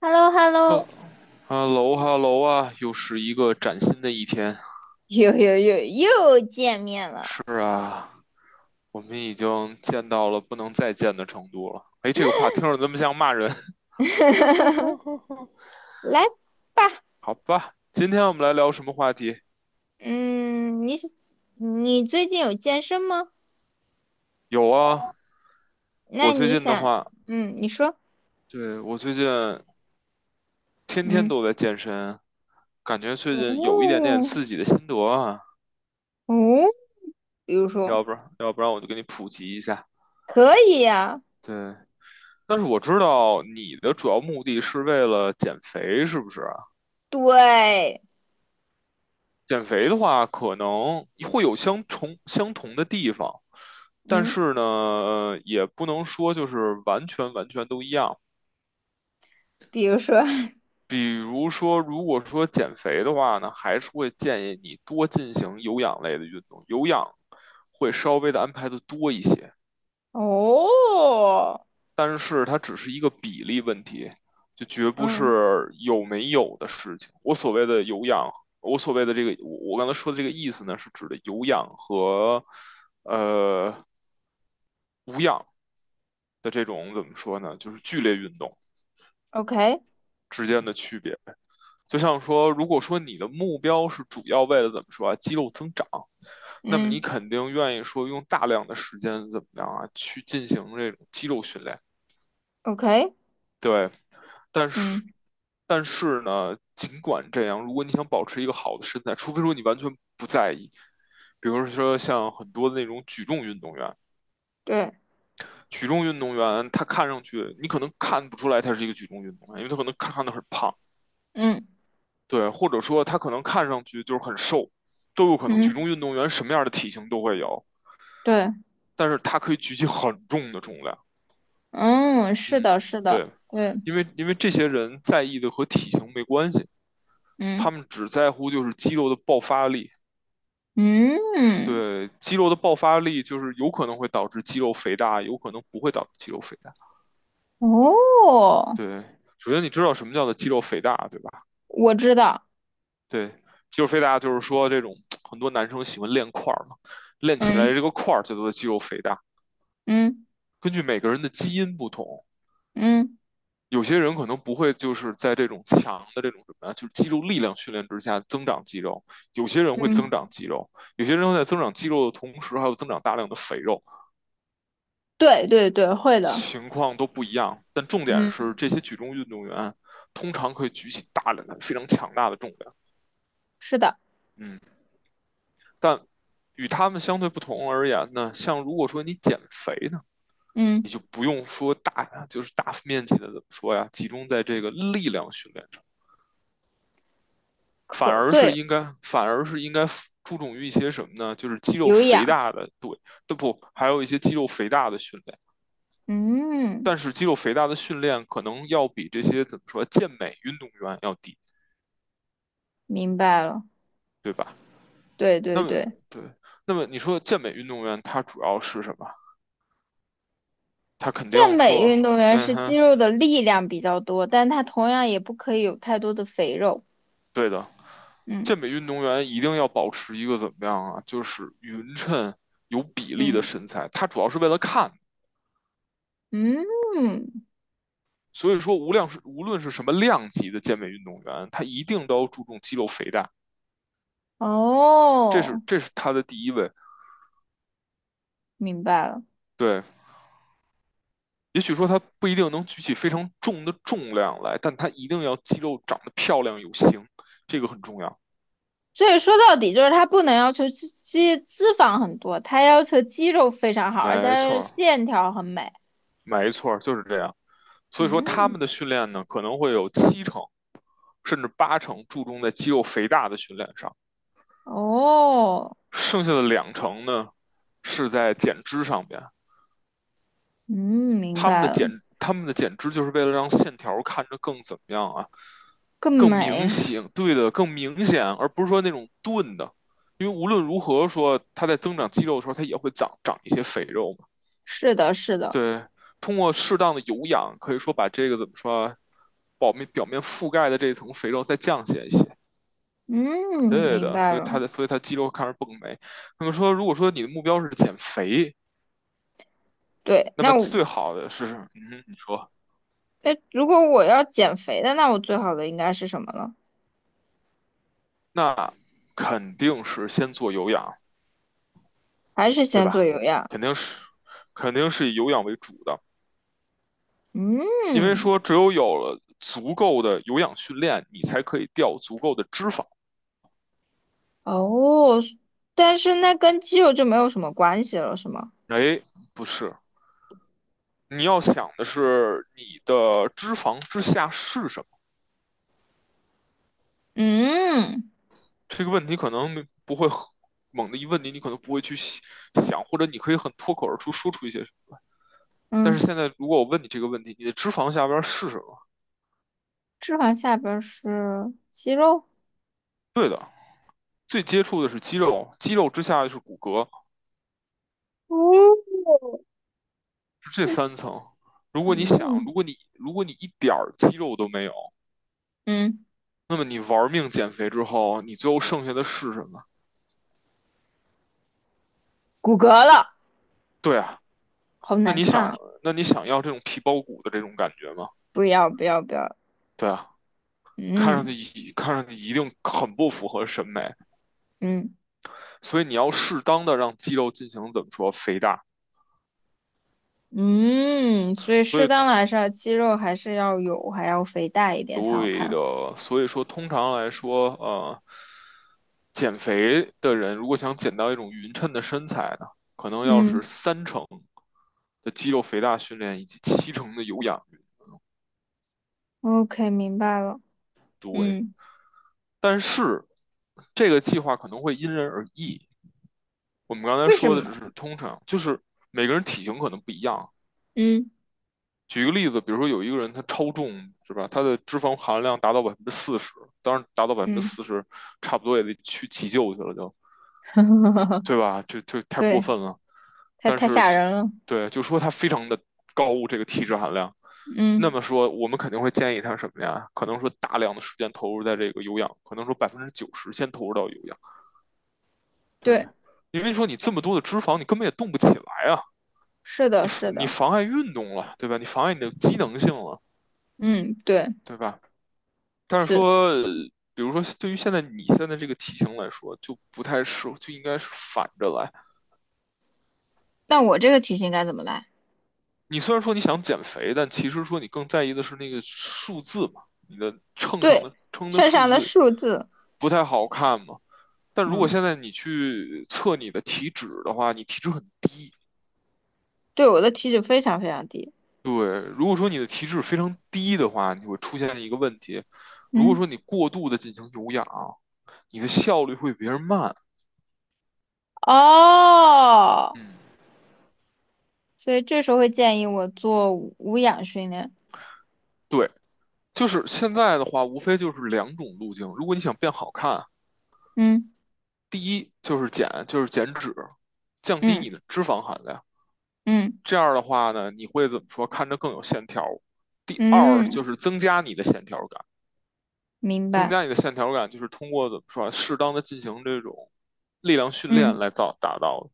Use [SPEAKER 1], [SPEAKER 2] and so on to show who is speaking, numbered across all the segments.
[SPEAKER 1] h e l l o h e l l
[SPEAKER 2] 呃
[SPEAKER 1] o
[SPEAKER 2] 哈喽哈喽。啊，又是一个崭新的一天。
[SPEAKER 1] 又见面了，
[SPEAKER 2] 是啊，我们已经见到了不能再见的程度了。哎，这个话听着怎么像骂人？哈哈哈哈。
[SPEAKER 1] 来吧，
[SPEAKER 2] 好吧，今天我们来聊什么话题？
[SPEAKER 1] 嗯，你最近有健身吗？
[SPEAKER 2] 有啊，
[SPEAKER 1] 那
[SPEAKER 2] 我最
[SPEAKER 1] 你
[SPEAKER 2] 近的
[SPEAKER 1] 想，
[SPEAKER 2] 话，
[SPEAKER 1] 嗯，你说，
[SPEAKER 2] 对，我最近天天
[SPEAKER 1] 嗯，
[SPEAKER 2] 都在健身，感觉最近有一点
[SPEAKER 1] 哦，
[SPEAKER 2] 点自己的心得啊。
[SPEAKER 1] 哦，比如说，
[SPEAKER 2] 要不然，我就给你普及一下。
[SPEAKER 1] 可以呀、
[SPEAKER 2] 对，但是我知道你的主要目的是为了减肥，是不是？
[SPEAKER 1] 对，
[SPEAKER 2] 减肥的话，可能会有相同的地方，但
[SPEAKER 1] 嗯，
[SPEAKER 2] 是呢，也不能说就是完全都一样。
[SPEAKER 1] 比如说，
[SPEAKER 2] 比如说，如果说减肥的话呢，还是会建议你多进行有氧类的运动，有氧会稍微的安排的多一些。
[SPEAKER 1] 哦，
[SPEAKER 2] 但是它只是一个比例问题，就绝不
[SPEAKER 1] 嗯
[SPEAKER 2] 是有没有的事情。我所谓的有氧，我所谓的这个，我刚才说的这个意思呢，是指的有氧和呃无氧的这种怎么说呢？就是剧烈运动
[SPEAKER 1] ，OK，
[SPEAKER 2] 之间的区别。就像说，如果说你的目标是主要为了怎么说啊，肌肉增长，那么你
[SPEAKER 1] 嗯
[SPEAKER 2] 肯定愿意说用大量的时间怎么样啊，去进行这种肌肉训练。
[SPEAKER 1] ，OK，
[SPEAKER 2] 对，但是，
[SPEAKER 1] 嗯，
[SPEAKER 2] 但是呢，尽管这样，如果你想保持一个好的身材，除非说你完全不在意，比如说像很多的那种举重运动员，
[SPEAKER 1] 对，
[SPEAKER 2] 举重运动员他看上去你可能看不出来他是一个举重运动员，因为他可能看上去很胖，
[SPEAKER 1] 嗯
[SPEAKER 2] 对，或者说他可能看上去就是很瘦，都有可能。举
[SPEAKER 1] 嗯，
[SPEAKER 2] 重运动员什么样的体型都会有，
[SPEAKER 1] 对，
[SPEAKER 2] 但是他可以举起很重的重量。
[SPEAKER 1] 嗯，是的，
[SPEAKER 2] 嗯，
[SPEAKER 1] 是的，
[SPEAKER 2] 对，
[SPEAKER 1] 对，
[SPEAKER 2] 因为这些人在意的和体型没关系，
[SPEAKER 1] 嗯
[SPEAKER 2] 他们只在乎就是肌肉的爆发力。
[SPEAKER 1] 嗯。
[SPEAKER 2] 对，肌肉的爆发力就是有可能会导致肌肉肥大，有可能不会导致肌肉肥大。
[SPEAKER 1] 哦，
[SPEAKER 2] 对，首先你知道什么叫做肌肉肥大，对吧？
[SPEAKER 1] 我知道，
[SPEAKER 2] 对，肌肉肥大就是说这种很多男生喜欢练块儿嘛，练起来这
[SPEAKER 1] 嗯
[SPEAKER 2] 个块儿叫做肌肉肥大。
[SPEAKER 1] 嗯
[SPEAKER 2] 根据每个人的基因不同，
[SPEAKER 1] 嗯
[SPEAKER 2] 有些人可能不会就是在这种强的这种什么呀，就是肌肉力量训练之下增长肌肉，有些人会增
[SPEAKER 1] 嗯
[SPEAKER 2] 长肌肉，有些人会在增长肌肉的同时还有增长大量的肥肉。
[SPEAKER 1] 对对对，会的，
[SPEAKER 2] 情况都不一样，但重点是
[SPEAKER 1] 嗯
[SPEAKER 2] 这些举重运动员通常可以举起大量的、非常强大的重量。
[SPEAKER 1] 是的，
[SPEAKER 2] 嗯，但与他们相对不同而言呢，像如果说你减肥呢，你
[SPEAKER 1] 嗯，
[SPEAKER 2] 就不用说大，就是大面积的怎么说呀，集中在这个力量训练上，反
[SPEAKER 1] 可
[SPEAKER 2] 而是
[SPEAKER 1] 对，
[SPEAKER 2] 应该，反而是应该注重于一些什么呢？就是肌肉
[SPEAKER 1] 有
[SPEAKER 2] 肥
[SPEAKER 1] 氧，
[SPEAKER 2] 大的，对，都不，还有一些肌肉肥大的训练。
[SPEAKER 1] 嗯，
[SPEAKER 2] 但是肌肉肥大的训练可能要比这些怎么说健美运动员要低，
[SPEAKER 1] 明白了，
[SPEAKER 2] 对吧？
[SPEAKER 1] 对
[SPEAKER 2] 那
[SPEAKER 1] 对
[SPEAKER 2] 么
[SPEAKER 1] 对，
[SPEAKER 2] 对，那么你说健美运动员他主要是什么？他肯
[SPEAKER 1] 健
[SPEAKER 2] 定
[SPEAKER 1] 美
[SPEAKER 2] 说，
[SPEAKER 1] 运动员
[SPEAKER 2] 嗯
[SPEAKER 1] 是肌
[SPEAKER 2] 哼，
[SPEAKER 1] 肉的力量比较多，但他同样也不可以有太多的肥肉，
[SPEAKER 2] 对的，
[SPEAKER 1] 嗯
[SPEAKER 2] 健美运动员一定要保持一个怎么样啊？就是匀称、有比例的
[SPEAKER 1] 嗯，
[SPEAKER 2] 身材。他主要是为了看，
[SPEAKER 1] 嗯，
[SPEAKER 2] 所以说无量是无论是什么量级的健美运动员，他一定都要注重肌肉肥大，这是
[SPEAKER 1] 哦，
[SPEAKER 2] 这是他的第一位。
[SPEAKER 1] 明白了。
[SPEAKER 2] 对，也许说他不一定能举起非常重的重量来，但他一定要肌肉长得漂亮有型，这个很重要。
[SPEAKER 1] 所以说到底就是他不能要求脂肪很多，他要求肌肉非常好，而且
[SPEAKER 2] 没
[SPEAKER 1] 它
[SPEAKER 2] 错，
[SPEAKER 1] 线条很美。
[SPEAKER 2] 没错，就是这样。所以说他
[SPEAKER 1] 嗯，
[SPEAKER 2] 们的训练呢，可能会有七成甚至八成注重在肌肉肥大的训练上，
[SPEAKER 1] 哦，
[SPEAKER 2] 剩下的两成呢是在减脂上面。
[SPEAKER 1] 嗯，明
[SPEAKER 2] 他们
[SPEAKER 1] 白
[SPEAKER 2] 的
[SPEAKER 1] 了，
[SPEAKER 2] 减，他们的减脂就是为了让线条看着更怎么样啊，
[SPEAKER 1] 更
[SPEAKER 2] 更明
[SPEAKER 1] 美。
[SPEAKER 2] 显，对的，更明显，而不是说那种钝的。因为无论如何说，它在增长肌肉的时候，它也会长长一些肥肉嘛。
[SPEAKER 1] 是的，是的，
[SPEAKER 2] 对，通过适当的有氧，可以说把这个怎么说啊，表面覆盖的这层肥肉再降下一些。
[SPEAKER 1] 嗯，
[SPEAKER 2] 对
[SPEAKER 1] 明
[SPEAKER 2] 的，
[SPEAKER 1] 白
[SPEAKER 2] 所以
[SPEAKER 1] 了。
[SPEAKER 2] 它的，所以它肌肉开始蹦没。那么说，如果说你的目标是减肥，
[SPEAKER 1] 对，
[SPEAKER 2] 那么
[SPEAKER 1] 那我，
[SPEAKER 2] 最好的是，嗯，你说
[SPEAKER 1] 哎，如果我要减肥的，那我最好的应该是什么了？
[SPEAKER 2] 那肯定是先做有氧，
[SPEAKER 1] 还是
[SPEAKER 2] 对
[SPEAKER 1] 先做
[SPEAKER 2] 吧？
[SPEAKER 1] 有氧？
[SPEAKER 2] 肯定是，肯定是以有氧为主的，因为
[SPEAKER 1] 嗯，
[SPEAKER 2] 说只有有了足够的有氧训练，你才可以掉足够的脂肪。
[SPEAKER 1] 哦，但是那跟肌肉就没有什么关系了，是吗？
[SPEAKER 2] 哎，不是，你要想的是你的脂肪之下是什么？
[SPEAKER 1] 嗯
[SPEAKER 2] 这个问题可能不会猛的一问你，你可能不会去想，或者你可以很脱口而出说出一些什么。但是
[SPEAKER 1] 嗯。
[SPEAKER 2] 现在如果我问你这个问题，你的脂肪下边是什么？
[SPEAKER 1] 脂肪下边儿是肌肉，
[SPEAKER 2] 对的，最接触的是肌肉，肌肉之下就是骨骼，
[SPEAKER 1] 哦，么？
[SPEAKER 2] 是这三层。如果你想，
[SPEAKER 1] 嗯
[SPEAKER 2] 如果你如果你一点肌肉都没有，
[SPEAKER 1] 嗯，
[SPEAKER 2] 那么你玩命减肥之后，你最后剩下的是什么？
[SPEAKER 1] 骨骼了，
[SPEAKER 2] 对啊，
[SPEAKER 1] 好
[SPEAKER 2] 那
[SPEAKER 1] 难
[SPEAKER 2] 你
[SPEAKER 1] 看
[SPEAKER 2] 想，
[SPEAKER 1] 啊！
[SPEAKER 2] 那你想要这种皮包骨的这种感觉吗？
[SPEAKER 1] 不要不要不要，
[SPEAKER 2] 对啊。看上
[SPEAKER 1] 嗯
[SPEAKER 2] 去一，看上去一定很不符合审美，
[SPEAKER 1] 嗯
[SPEAKER 2] 所以你要适当的让肌肉进行怎么说肥大，
[SPEAKER 1] 嗯，所以
[SPEAKER 2] 所
[SPEAKER 1] 适
[SPEAKER 2] 以
[SPEAKER 1] 当的
[SPEAKER 2] 通，
[SPEAKER 1] 还是要肌肉还是要有，还要肥大一点才好
[SPEAKER 2] 对
[SPEAKER 1] 看。
[SPEAKER 2] 的，所以说通常来说，减肥的人如果想减到一种匀称的身材呢，可能要
[SPEAKER 1] 嗯
[SPEAKER 2] 是三成的肌肉肥大训练以及七成的有氧运
[SPEAKER 1] ，OK，明白了。
[SPEAKER 2] 动，
[SPEAKER 1] 嗯，
[SPEAKER 2] 但是这个计划可能会因人而异。我们刚才
[SPEAKER 1] 为什
[SPEAKER 2] 说的只
[SPEAKER 1] 么？
[SPEAKER 2] 是通常，就是每个人体型可能不一样。
[SPEAKER 1] 嗯
[SPEAKER 2] 举个例子，比如说有一个人他超重是吧？他的脂肪含量达到百分之四十，当然达到百分之
[SPEAKER 1] 嗯，
[SPEAKER 2] 四十，差不多也得去急救去了就，对吧？就太过
[SPEAKER 1] 对，
[SPEAKER 2] 分了。
[SPEAKER 1] 太
[SPEAKER 2] 但
[SPEAKER 1] 太
[SPEAKER 2] 是
[SPEAKER 1] 吓
[SPEAKER 2] 就
[SPEAKER 1] 人了。
[SPEAKER 2] 对就说他非常的高这个体脂含量，那
[SPEAKER 1] 嗯，
[SPEAKER 2] 么说我们肯定会建议他什么呀？可能说大量的时间投入在这个有氧，可能说百分之九十先投入到有氧，对，
[SPEAKER 1] 对，
[SPEAKER 2] 因为说你这么多的脂肪，你根本也动不起来啊，
[SPEAKER 1] 是的，
[SPEAKER 2] 你，
[SPEAKER 1] 是
[SPEAKER 2] 你
[SPEAKER 1] 的，
[SPEAKER 2] 妨碍运动了，对吧？你妨碍你的机能性了，
[SPEAKER 1] 嗯，对，
[SPEAKER 2] 对吧？但是
[SPEAKER 1] 是。
[SPEAKER 2] 说，比如说对于现在你现在这个体型来说，就不太适合，就应该是反着来。
[SPEAKER 1] 那我这个题型该怎么来？
[SPEAKER 2] 你虽然说你想减肥，但其实说你更在意的是那个数字嘛，你的秤上
[SPEAKER 1] 对，
[SPEAKER 2] 的称的
[SPEAKER 1] 秤
[SPEAKER 2] 数
[SPEAKER 1] 上的
[SPEAKER 2] 字
[SPEAKER 1] 数字，
[SPEAKER 2] 不太好看嘛。但如果
[SPEAKER 1] 嗯，
[SPEAKER 2] 现在你去测你的体脂的话，你体脂很低。
[SPEAKER 1] 对我的体脂非常非常低，
[SPEAKER 2] 对，如果说你的体脂非常低的话，你会出现一个问题。如果
[SPEAKER 1] 嗯，
[SPEAKER 2] 说你过度的进行有氧，你的效率会比别人慢。
[SPEAKER 1] 哦，
[SPEAKER 2] 嗯，
[SPEAKER 1] 所以这时候会建议我做无氧训练，
[SPEAKER 2] 对。就是现在的话，无非就是两种路径。如果你想变好看，
[SPEAKER 1] 嗯
[SPEAKER 2] 第一就是减，就是减脂，降低你
[SPEAKER 1] 嗯
[SPEAKER 2] 的脂肪含量。
[SPEAKER 1] 嗯
[SPEAKER 2] 这样的话呢，你会怎么说？看着更有线条。第二就
[SPEAKER 1] 嗯，
[SPEAKER 2] 是增加你的线条感，
[SPEAKER 1] 明
[SPEAKER 2] 增
[SPEAKER 1] 白，
[SPEAKER 2] 加你的线条感就是通过怎么说啊，适当的进行这种力量训练
[SPEAKER 1] 嗯
[SPEAKER 2] 来造达到的。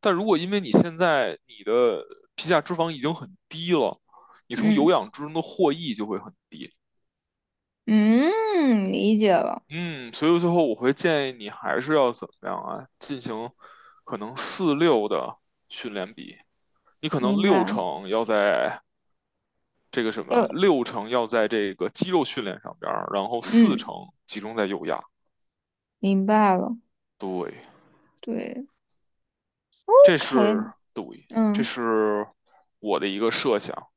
[SPEAKER 2] 但如果因为你现在你的皮下脂肪已经很低了，你从有
[SPEAKER 1] 嗯
[SPEAKER 2] 氧之中的获益就会很低。
[SPEAKER 1] 嗯，理解了，
[SPEAKER 2] 嗯，所以最后我会建议你还是要怎么样啊？进行可能四六的训练比，你可能
[SPEAKER 1] 明
[SPEAKER 2] 六
[SPEAKER 1] 白，
[SPEAKER 2] 成要在这个什么，
[SPEAKER 1] 又
[SPEAKER 2] 六成要在这个肌肉训练上边儿，然后四
[SPEAKER 1] 嗯，
[SPEAKER 2] 成集中在有氧。
[SPEAKER 1] 明白了，
[SPEAKER 2] 对，
[SPEAKER 1] 对
[SPEAKER 2] 这是，
[SPEAKER 1] ，OK，
[SPEAKER 2] 对，这
[SPEAKER 1] 嗯
[SPEAKER 2] 是我的一个设想。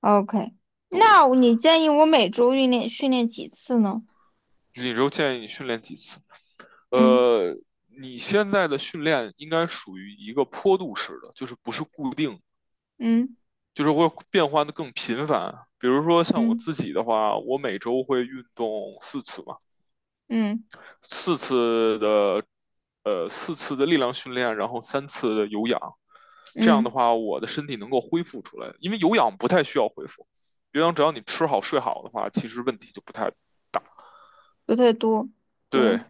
[SPEAKER 1] ，OK，
[SPEAKER 2] 对，
[SPEAKER 1] 那你建议我每周训练几次呢？
[SPEAKER 2] 你就建议你训练几次？呃，你现在的训练应该属于一个坡度式的，就是不是固定的。
[SPEAKER 1] 嗯
[SPEAKER 2] 就是会变换的更频繁。比如说像我
[SPEAKER 1] 嗯
[SPEAKER 2] 自己的话，我每周会运动四次嘛，
[SPEAKER 1] 嗯
[SPEAKER 2] 四次的，四次的力量训练，然后三次的有氧。这
[SPEAKER 1] 嗯
[SPEAKER 2] 样的
[SPEAKER 1] 嗯。嗯
[SPEAKER 2] 话，我的身体能够恢复出来，因为有氧不太需要恢复，有氧只要你吃好睡好的话，其实问题就不太
[SPEAKER 1] 不太多。对，
[SPEAKER 2] 对。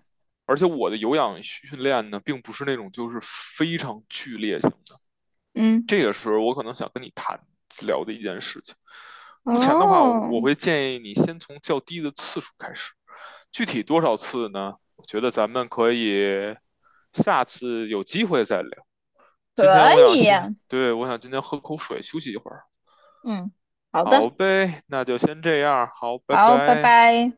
[SPEAKER 2] 而且我的有氧训练呢，并不是那种就是非常剧烈性，
[SPEAKER 1] 嗯，
[SPEAKER 2] 这也是我可能想跟你谈聊的一件事情。目前的话，我
[SPEAKER 1] 哦，
[SPEAKER 2] 我会建议你先从较低的次数开始，具体多少次呢？我觉得咱们可以下次有机会再聊。今
[SPEAKER 1] 可
[SPEAKER 2] 天我想
[SPEAKER 1] 以
[SPEAKER 2] 先，
[SPEAKER 1] 呀
[SPEAKER 2] 对，我想今天喝口水休息一会儿。
[SPEAKER 1] 嗯，好
[SPEAKER 2] 好
[SPEAKER 1] 的，
[SPEAKER 2] 呗，那就先这样，好，拜
[SPEAKER 1] 好，拜
[SPEAKER 2] 拜。
[SPEAKER 1] 拜。